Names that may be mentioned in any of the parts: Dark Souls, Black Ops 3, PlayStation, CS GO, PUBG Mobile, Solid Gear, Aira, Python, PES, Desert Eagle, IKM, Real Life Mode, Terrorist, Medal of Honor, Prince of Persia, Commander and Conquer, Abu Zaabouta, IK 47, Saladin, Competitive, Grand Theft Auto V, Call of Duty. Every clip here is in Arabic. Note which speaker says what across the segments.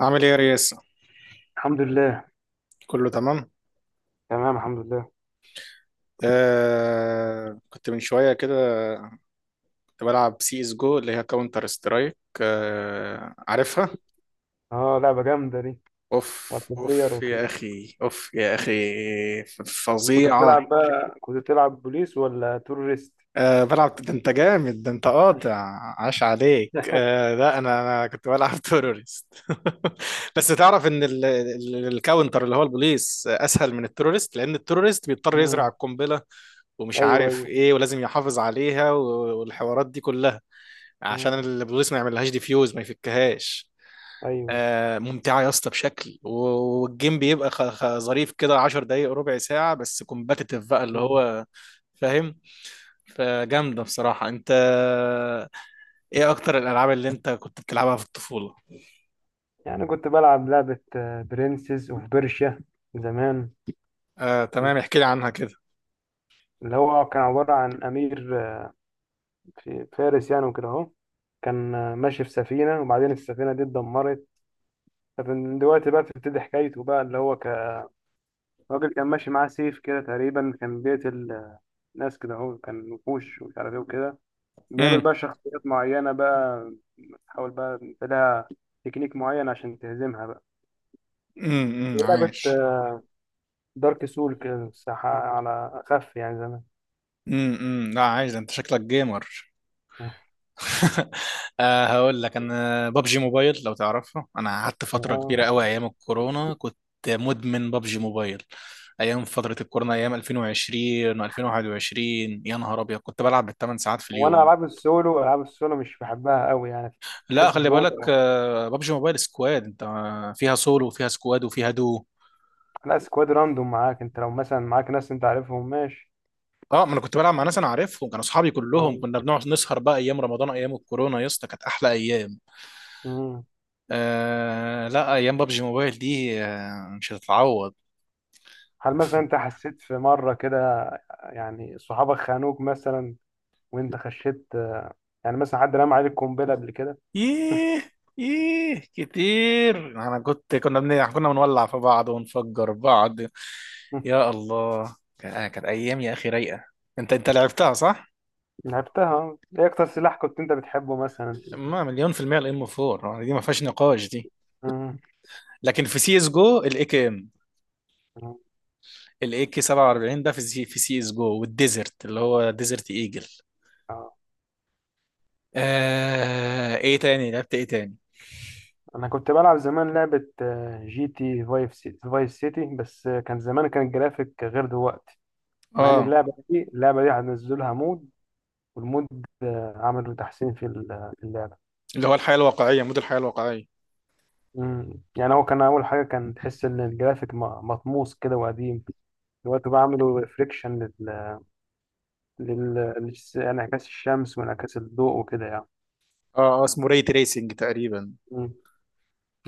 Speaker 1: عامل ايه يا ريس؟
Speaker 2: الحمد لله.
Speaker 1: كله تمام.
Speaker 2: تمام الحمد لله.
Speaker 1: كنت من شويه كده، كنت بلعب سي اس جو اللي هي كاونتر سترايك، عارفها.
Speaker 2: اه، لعبة جامدة دي.
Speaker 1: اوف
Speaker 2: مالتي بلاير
Speaker 1: اوف يا
Speaker 2: وكده.
Speaker 1: اخي، اوف يا اخي.
Speaker 2: كنت
Speaker 1: فظيعه.
Speaker 2: بتلعب بقى كنت بتلعب بوليس ولا تورست؟
Speaker 1: بلعب، ده انت جامد، ده انت قاطع، عاش عليك. آه لا، انا كنت بلعب تيرورست. بس تعرف ان الكاونتر اللي هو البوليس اسهل من التيرورست، لان التيرورست بيضطر يزرع
Speaker 2: مم.
Speaker 1: القنبله ومش
Speaker 2: ايوه
Speaker 1: عارف
Speaker 2: ايوه.
Speaker 1: ايه، ولازم يحافظ عليها والحوارات دي كلها، عشان
Speaker 2: مم.
Speaker 1: البوليس ما يعملهاش ديفيوز، ما يفكهاش.
Speaker 2: ايوه.
Speaker 1: ممتعة يا اسطى بشكل والجيم بيبقى ظريف كده، 10 دقايق ربع ساعة، بس كومباتيتيف بقى اللي
Speaker 2: مم.
Speaker 1: هو فاهم. فجامدة بصراحة انت. ايه اكتر الالعاب اللي انت كنت بتلعبها في الطفولة؟
Speaker 2: يعني كنت بلعب لعبة برنسز اوف بيرشيا زمان.
Speaker 1: آه تمام، احكي لي عنها كده.
Speaker 2: اللي هو كان عبارة عن أمير، في فارس يعني وكده أهو. كان ماشي في سفينة، وبعدين السفينة دي اتدمرت. فمن دلوقتي بقى بتبتدي حكايته بقى اللي هو كراجل، كان ماشي معاه سيف كده تقريبا، كان بيقتل ناس كده اهو، كان وحوش ومش عارف ايه وكده. بيقابل
Speaker 1: امم.
Speaker 2: بقى شخصيات معينة بقى، تحاول بقى انت لها تكنيك معين عشان تهزمها بقى.
Speaker 1: امم،
Speaker 2: لعبة
Speaker 1: عايش.
Speaker 2: دارك سول كده الساحة على أخف يعني زمان.
Speaker 1: لا عايش، ده انت شكلك جيمر. آه، هقول لك، انا بابجي موبايل لو تعرفها، انا قعدت فتره
Speaker 2: آه.
Speaker 1: كبيره قوي ايام الكورونا، كنت مدمن بابجي موبايل. ايام فتره الكورونا ايام 2020 و2021، يا نهار ابيض كنت بلعب بـ 8 ساعات في
Speaker 2: وأنا
Speaker 1: اليوم.
Speaker 2: ألعاب السولو مش بحبها قوي يعني.
Speaker 1: لا
Speaker 2: تحس
Speaker 1: خلي
Speaker 2: بموت.
Speaker 1: بالك، آه، بابجي موبايل سكواد، انت فيها سولو وفيها سكواد وفيها دو.
Speaker 2: لا، سكواد راندوم معاك، أنت لو مثلا معاك ناس أنت عارفهم ماشي.
Speaker 1: اه، ما انا كنت بلعب مع ناس انا عارفهم، كانوا اصحابي كلهم،
Speaker 2: آه.
Speaker 1: كنا بنقعد نسهر بقى ايام رمضان ايام الكورونا، يا اسطى كانت احلى ايام.
Speaker 2: مم.
Speaker 1: آه لا، ايام بابجي موبايل دي آه مش هتتعوض.
Speaker 2: هل مثلا أنت حسيت في مرة كده؟ يعني صحابك خانوك مثلا وانت خشيت، يعني مثلا حد رمى عليك قنبله قبل كده؟
Speaker 1: ييه، ييه كتير، انا كنا بنولع في بعض ونفجر بعض.
Speaker 2: مم.
Speaker 1: يا الله، كانت ايام يا اخي رايقه. انت لعبتها صح.
Speaker 2: لعبتها اه. ايه اكتر سلاح كنت انت بتحبه مثلا؟
Speaker 1: ما مليون في المية الام 4 دي ما فيهاش نقاش دي.
Speaker 2: مم.
Speaker 1: لكن في سي اس جو الاي كي ام،
Speaker 2: مم.
Speaker 1: الاي كي 47 ده في سي اس جو، والديزرت اللي هو ديزرت ايجل.
Speaker 2: آه.
Speaker 1: آه... ايه تاني لعبت، ايه تاني؟
Speaker 2: انا كنت بلعب زمان لعبه، جي تي فايف فايس سيتي، بس كان زمان، كان الجرافيك غير دلوقتي. مع ان
Speaker 1: اه
Speaker 2: اللعبه دي هنزلوا لها مود. والمود، عملوا تحسين في في اللعبه.
Speaker 1: اللي هو الحياه الواقعيه، مود الحياه الواقعيه.
Speaker 2: مم. يعني هو كان اول حاجه، كان تحس ان الجرافيك مطموس كده وقديم. دلوقتي بقى عملوا ريفليكشن انعكاس الشمس وانعكاس الضوء وكده يعني.
Speaker 1: اه آه، اسمه ري تريسنج تقريبا.
Speaker 2: مم.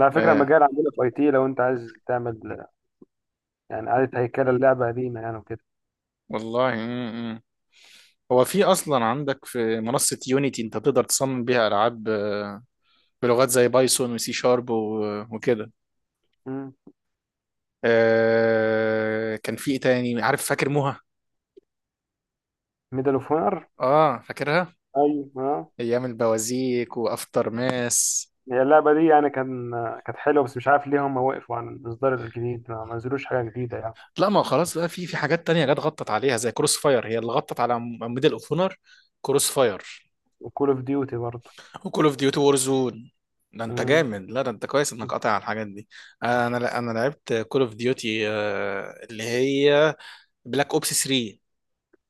Speaker 2: على فكرة
Speaker 1: اه
Speaker 2: مجال عندنا في اي تي لو انت عايز تعمل يعني إعادة هيكلة اللعبة قديمة يعني وكده.
Speaker 1: والله. هو في اصلا عندك في منصة يونيتي انت تقدر تصمم بيها العاب، آه، بلغات زي بايثون وسي شارب وكده. آه، كان في ايه تاني، عارف فاكر موها؟
Speaker 2: ميدل اوف اونر.
Speaker 1: اه فاكرها.
Speaker 2: ايوه آه.
Speaker 1: ايام البوازيك وافتر ماس.
Speaker 2: هي اللعبة دي يعني كان، كانت حلوة بس مش عارف ليه هم وقفوا عن الإصدار الجديد، ما نزلوش حاجة جديدة يعني.
Speaker 1: لا، ما هو خلاص بقى، في حاجات تانية جت غطت عليها زي كروس فاير، هي اللي غطت على ميدل اوف اونر. كروس فاير.
Speaker 2: وكول اوف ديوتي برضه.
Speaker 1: وكول اوف ديوتي وور زون. ده انت
Speaker 2: مم.
Speaker 1: جامد، لا ده انت كويس انك قاطع على الحاجات دي. انا لعبت كول اوف ديوتي اللي هي بلاك اوبس 3.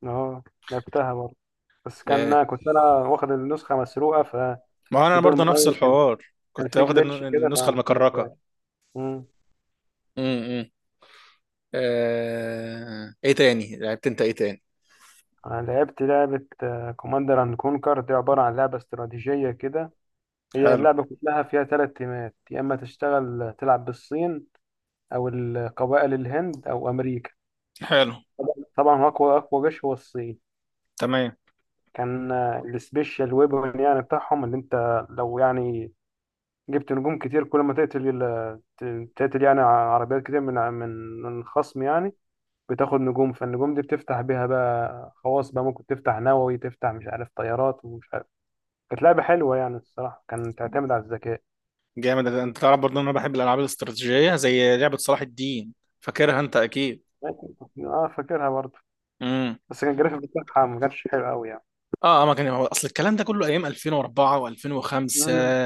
Speaker 2: اه، لعبتها برضه. بس كان
Speaker 1: ايه،
Speaker 2: كنت أنا واخد النسخة مسروقة،
Speaker 1: ما هو
Speaker 2: ففي
Speaker 1: انا
Speaker 2: دور
Speaker 1: برضه نفس
Speaker 2: معين كان،
Speaker 1: الحوار،
Speaker 2: كان
Speaker 1: كنت
Speaker 2: في
Speaker 1: واخد
Speaker 2: جليتش كده
Speaker 1: النسخه
Speaker 2: فما
Speaker 1: المكركه.
Speaker 2: كملتهاش.
Speaker 1: امم. آه... ايه تاني لعبت انت، ايه تاني؟
Speaker 2: أنا لعبت لعبة كوماندر أند كونكر، دي عبارة عن لعبة استراتيجية كده. هي
Speaker 1: حلو.
Speaker 2: اللعبة كلها فيها تلات تيمات، يا إما تشتغل، تلعب بالصين أو القبائل الهند أو أمريكا.
Speaker 1: حلو.
Speaker 2: طبعا طبعاً أقوى أقوى جيش هو الصين.
Speaker 1: تمام.
Speaker 2: كان، السبيشال ويبن يعني بتاعهم، اللي أنت لو يعني جبت نجوم كتير كل ما تقتل تقتل يعني عربيات كتير من الخصم يعني، بتاخد نجوم، فالنجوم دي بتفتح بيها بقى خواص، بقى ممكن تفتح نووي، تفتح مش عارف طيارات ومش عارف. كانت لعبة حلوة يعني الصراحة، كان تعتمد على الذكاء.
Speaker 1: جامد، انت تعرف برضه ان انا بحب الالعاب الاستراتيجيه زي لعبه صلاح الدين؟ فاكرها انت اكيد.
Speaker 2: اه، فاكرها برضه.
Speaker 1: امم.
Speaker 2: بس كان الجرافيك بتاعها ما كانش حلو قوي يعني.
Speaker 1: اه اه، ما كان هو اصل الكلام ده كله ايام 2004 و2005.
Speaker 2: مم.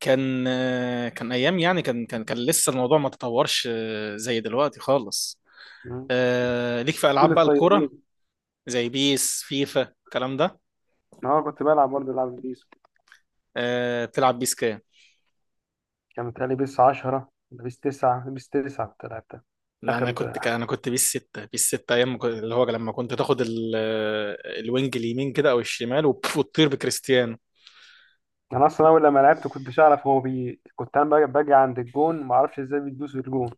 Speaker 1: كان آه، كان ايام يعني، كان لسه الموضوع ما تطورش آه، زي دلوقتي خالص.
Speaker 2: مم.
Speaker 1: آه، ليك في
Speaker 2: جيل
Speaker 1: العاب بقى الكوره
Speaker 2: الطيبين.
Speaker 1: زي بيس فيفا الكلام ده.
Speaker 2: اه، كنت بلعب برضه العاب بيس.
Speaker 1: آه بتلعب بيس كام؟
Speaker 2: كان متهيألي بيس 10 ولا بيس 9، بيس 9 كنت لعبتها.
Speaker 1: لا
Speaker 2: اخر.
Speaker 1: انا كنت انا كنت بيس 6، بيس 6 ايام ما كنت- اللي هو لما كنت تاخد الوينج اليمين كده او الشمال وتطير بكريستيانو.
Speaker 2: انا اصلا اول لما لعبت كنتش اعرف، هو بي كنت انا باجي عند الجون، ما اعرفش ازاي بيدوس الجون.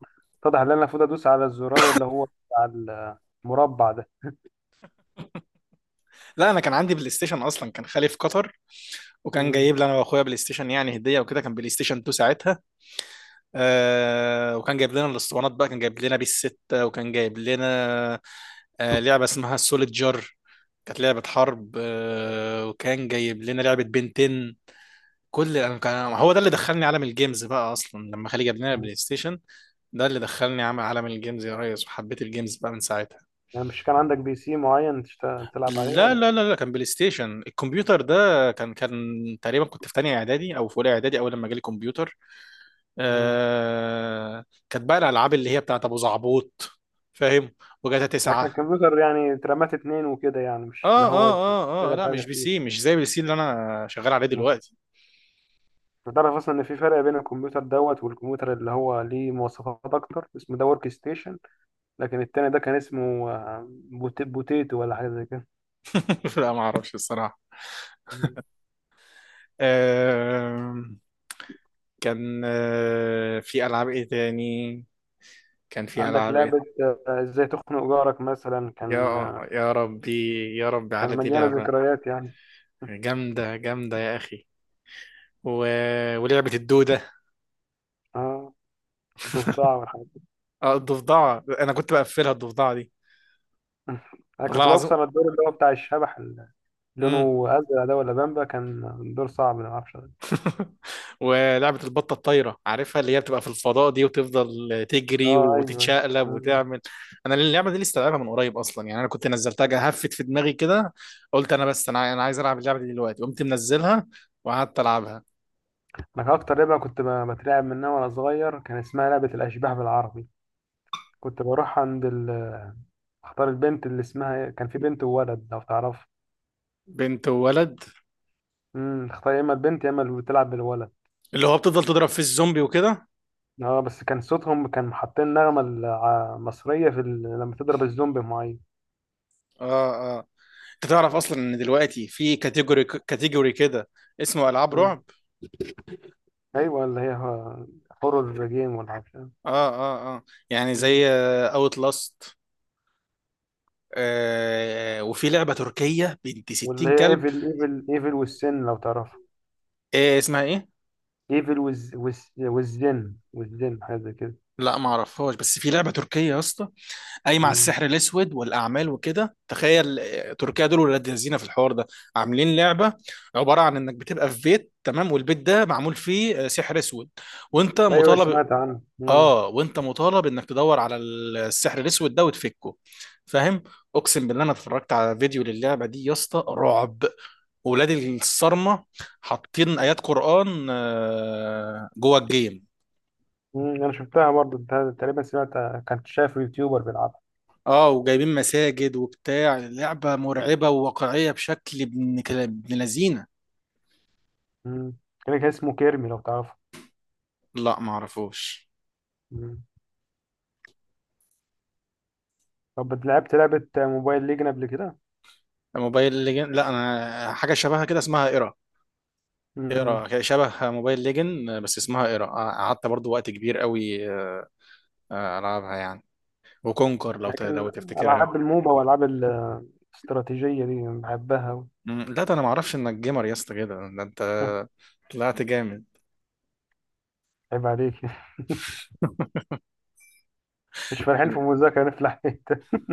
Speaker 2: اتضح ان انا المفروض ادوس على الزرار اللي هو بتاع المربع ده.
Speaker 1: لا انا كان عندي بلاي ستيشن اصلا، كان خالي في قطر وكان
Speaker 2: مم.
Speaker 1: جايب لي انا واخويا بلاي ستيشن يعني هديه وكده، كان بلاي ستيشن 2 ساعتها. آه، وكان جايب لنا الاسطوانات بقى، كان جايب لنا بيس 6 وكان جايب لنا آه لعبه اسمها سوليد جار، كانت لعبه حرب، آه وكان جايب لنا لعبه بنتين. كل انا كان، هو ده اللي دخلني عالم الجيمز بقى اصلا لما خالي جاب لنا
Speaker 2: مم.
Speaker 1: البلاي ستيشن. ده اللي دخلني عالم الجيمز يا ريس، وحبيت الجيمز بقى من ساعتها.
Speaker 2: يعني مش كان عندك بي سي معين تلعب عليه
Speaker 1: لا
Speaker 2: ولا؟
Speaker 1: لا لا لا كان بلاي ستيشن الكمبيوتر ده. كان تقريبا كنت في تانية اعدادي او في اولى اعدادي اول لما جالي كمبيوتر.
Speaker 2: مم.
Speaker 1: آه... كانت بقى الالعاب اللي هي بتاعت ابو زعبوط، فاهم؟ وجاتا
Speaker 2: يعني كان
Speaker 1: 9.
Speaker 2: الكمبيوتر يعني اترمات اتنين وكده، يعني مش
Speaker 1: اه
Speaker 2: اللي هو
Speaker 1: اه اه. اه
Speaker 2: يشتغل
Speaker 1: لا مش
Speaker 2: حاجة
Speaker 1: بي سي،
Speaker 2: فيه.
Speaker 1: مش زي البي سي اللي انا شغال عليه
Speaker 2: آه.
Speaker 1: دلوقتي.
Speaker 2: تعرف أصلا إن في فرق بين الكمبيوتر دوت والكمبيوتر اللي هو ليه مواصفات أكتر، اسمه ده ورك ستيشن. لكن التاني ده كان اسمه، بوتيتو ولا حاجة زي كده.
Speaker 1: لا ما اعرفش الصراحة.
Speaker 2: مم.
Speaker 1: آه... كان آه، في ألعاب إيه تاني؟ كان في
Speaker 2: عندك
Speaker 1: ألعاب
Speaker 2: لعبة،
Speaker 1: إيه؟
Speaker 2: إزاي تخنق جارك مثلا، كان،
Speaker 1: يا، يا ربي، يا ربي
Speaker 2: كان
Speaker 1: على دي
Speaker 2: مليانة
Speaker 1: لعبة.
Speaker 2: ذكريات يعني.
Speaker 1: جامدة جامدة يا أخي. و... ولعبة الدودة.
Speaker 2: اه، الضفدع والحاجات دي.
Speaker 1: اه الضفدعة، أنا كنت بقفلها الضفدعة دي
Speaker 2: انا
Speaker 1: والله
Speaker 2: كنت
Speaker 1: العظيم.
Speaker 2: بفصل الدور اللي هو بتاع الشبح، اللي
Speaker 1: مم.
Speaker 2: لونه ازرق ده ولا بامبا كان. دور صعب ما اعرفش.
Speaker 1: ولعبة البطة الطايرة عارفها، اللي هي بتبقى في الفضاء دي وتفضل تجري
Speaker 2: اه ايوه.
Speaker 1: وتتشقلب
Speaker 2: أيوه.
Speaker 1: وتعمل. انا اللعبة دي لسه لعبها من قريب اصلا، يعني انا كنت نزلتها هفت في دماغي كده، قلت انا، بس انا عايز العب اللعبة دي دلوقتي، قمت منزلها وقعدت العبها.
Speaker 2: انا اكتر لعبه كنت بترعب منها وانا صغير، كان اسمها لعبه الاشباح بالعربي. كنت بروح عند اختار البنت اللي اسمها إيه، كان في بنت وولد لو تعرف.
Speaker 1: بنت وولد
Speaker 2: اختار يا اما البنت يا اما اللي بتلعب بالولد.
Speaker 1: اللي هو بتفضل تضرب في الزومبي وكده.
Speaker 2: اه، بس كان صوتهم، كان حاطين نغمه مصريه في لما تضرب الزومبي معين.
Speaker 1: اه اه. انت تعرف اصلا ان دلوقتي في كاتيجوري كده اسمه العاب
Speaker 2: امم.
Speaker 1: رعب.
Speaker 2: ايوه، اللي هي هورر جيم ولا عارف إيه.
Speaker 1: اه، يعني
Speaker 2: أمم.
Speaker 1: زي اوت لاست آه Outlast. آه، وفي لعبة تركية بنت
Speaker 2: واللي
Speaker 1: 60
Speaker 2: هي
Speaker 1: كلب.
Speaker 2: ايفل ايفل ايفل والسن لو تعرف.
Speaker 1: ايه اسمها ايه؟
Speaker 2: ايفل والزن حاجه زي كده.
Speaker 1: لا ما اعرفهاش، بس في لعبه تركيه يا اسطى قايمه على
Speaker 2: أمم.
Speaker 1: السحر الاسود والاعمال وكده، تخيل آه، تركيا دول ولاد لذينه في الحوار ده. عاملين لعبه عباره عن انك بتبقى في بيت تمام، والبيت ده معمول فيه آه، سحر اسود، وانت
Speaker 2: ايوه
Speaker 1: مطالب.
Speaker 2: سمعت عنه.
Speaker 1: اه، وانت مطالب انك تدور على السحر الاسود ده وتفكه، فاهم؟ اقسم بالله انا اتفرجت على فيديو للعبه دي يا اسطى، رعب، ولاد الصرمه حاطين ايات قران آه، جوه الجيم.
Speaker 2: مم، انا شفتها برضو تقريبا سمعت، كنت شايف يوتيوبر بيلعبها.
Speaker 1: اه، وجايبين مساجد وبتاع، لعبة مرعبة وواقعية بشكل ابن لذينة.
Speaker 2: مم. كان اسمه كيرمي لو تعرفه.
Speaker 1: لا ما اعرفوش.
Speaker 2: مم. طب لعبت لعبة موبايل ليجن قبل كده؟
Speaker 1: موبايل ليجن؟ لا انا حاجة شبهها كده اسمها ايرا.
Speaker 2: مم.
Speaker 1: ايرا شبه موبايل ليجن بس اسمها ايرا، قعدت برضو وقت كبير قوي آه، آه، العبها يعني. وكونكر
Speaker 2: لكن
Speaker 1: لو تفتكرها.
Speaker 2: العاب الموبا والعاب الاستراتيجية دي بحبها أوي.
Speaker 1: مم، لا ده انا ما اعرفش انك جيمر يا اسطى كده، ده انت طلعت جامد،
Speaker 2: عيب عليك مش فالحين
Speaker 1: من
Speaker 2: في المذاكرة نفلح.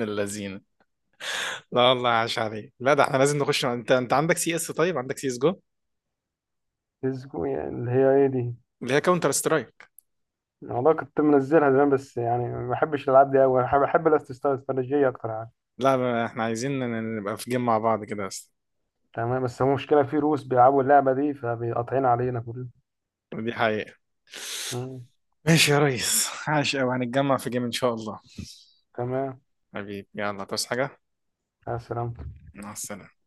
Speaker 1: اللذينة. لا والله، عاش عليك، لا ده احنا لازم نخش. انت عندك سي اس، طيب عندك سي اس جو
Speaker 2: الزقوم يعني اللي هي ايه دي.
Speaker 1: اللي هي كاونتر سترايك؟
Speaker 2: والله كنت منزلها زمان، بس يعني ما بحبش الالعاب دي قوي، بحب الاستراتيجية اكتر يعني.
Speaker 1: لا احنا عايزين نبقى في جيم مع بعض كده بس.
Speaker 2: تمام، بس هو مشكلة في روس بيلعبوا اللعبة دي فبيقطعين علينا كلنا.
Speaker 1: ودي حقيقة.
Speaker 2: مم.
Speaker 1: ماشي يا ريس، عاش أوي، هنتجمع في جيم إن شاء الله.
Speaker 2: تمام.
Speaker 1: حبيبي يلا، تصحى حاجة.
Speaker 2: السلام.
Speaker 1: مع السلامة.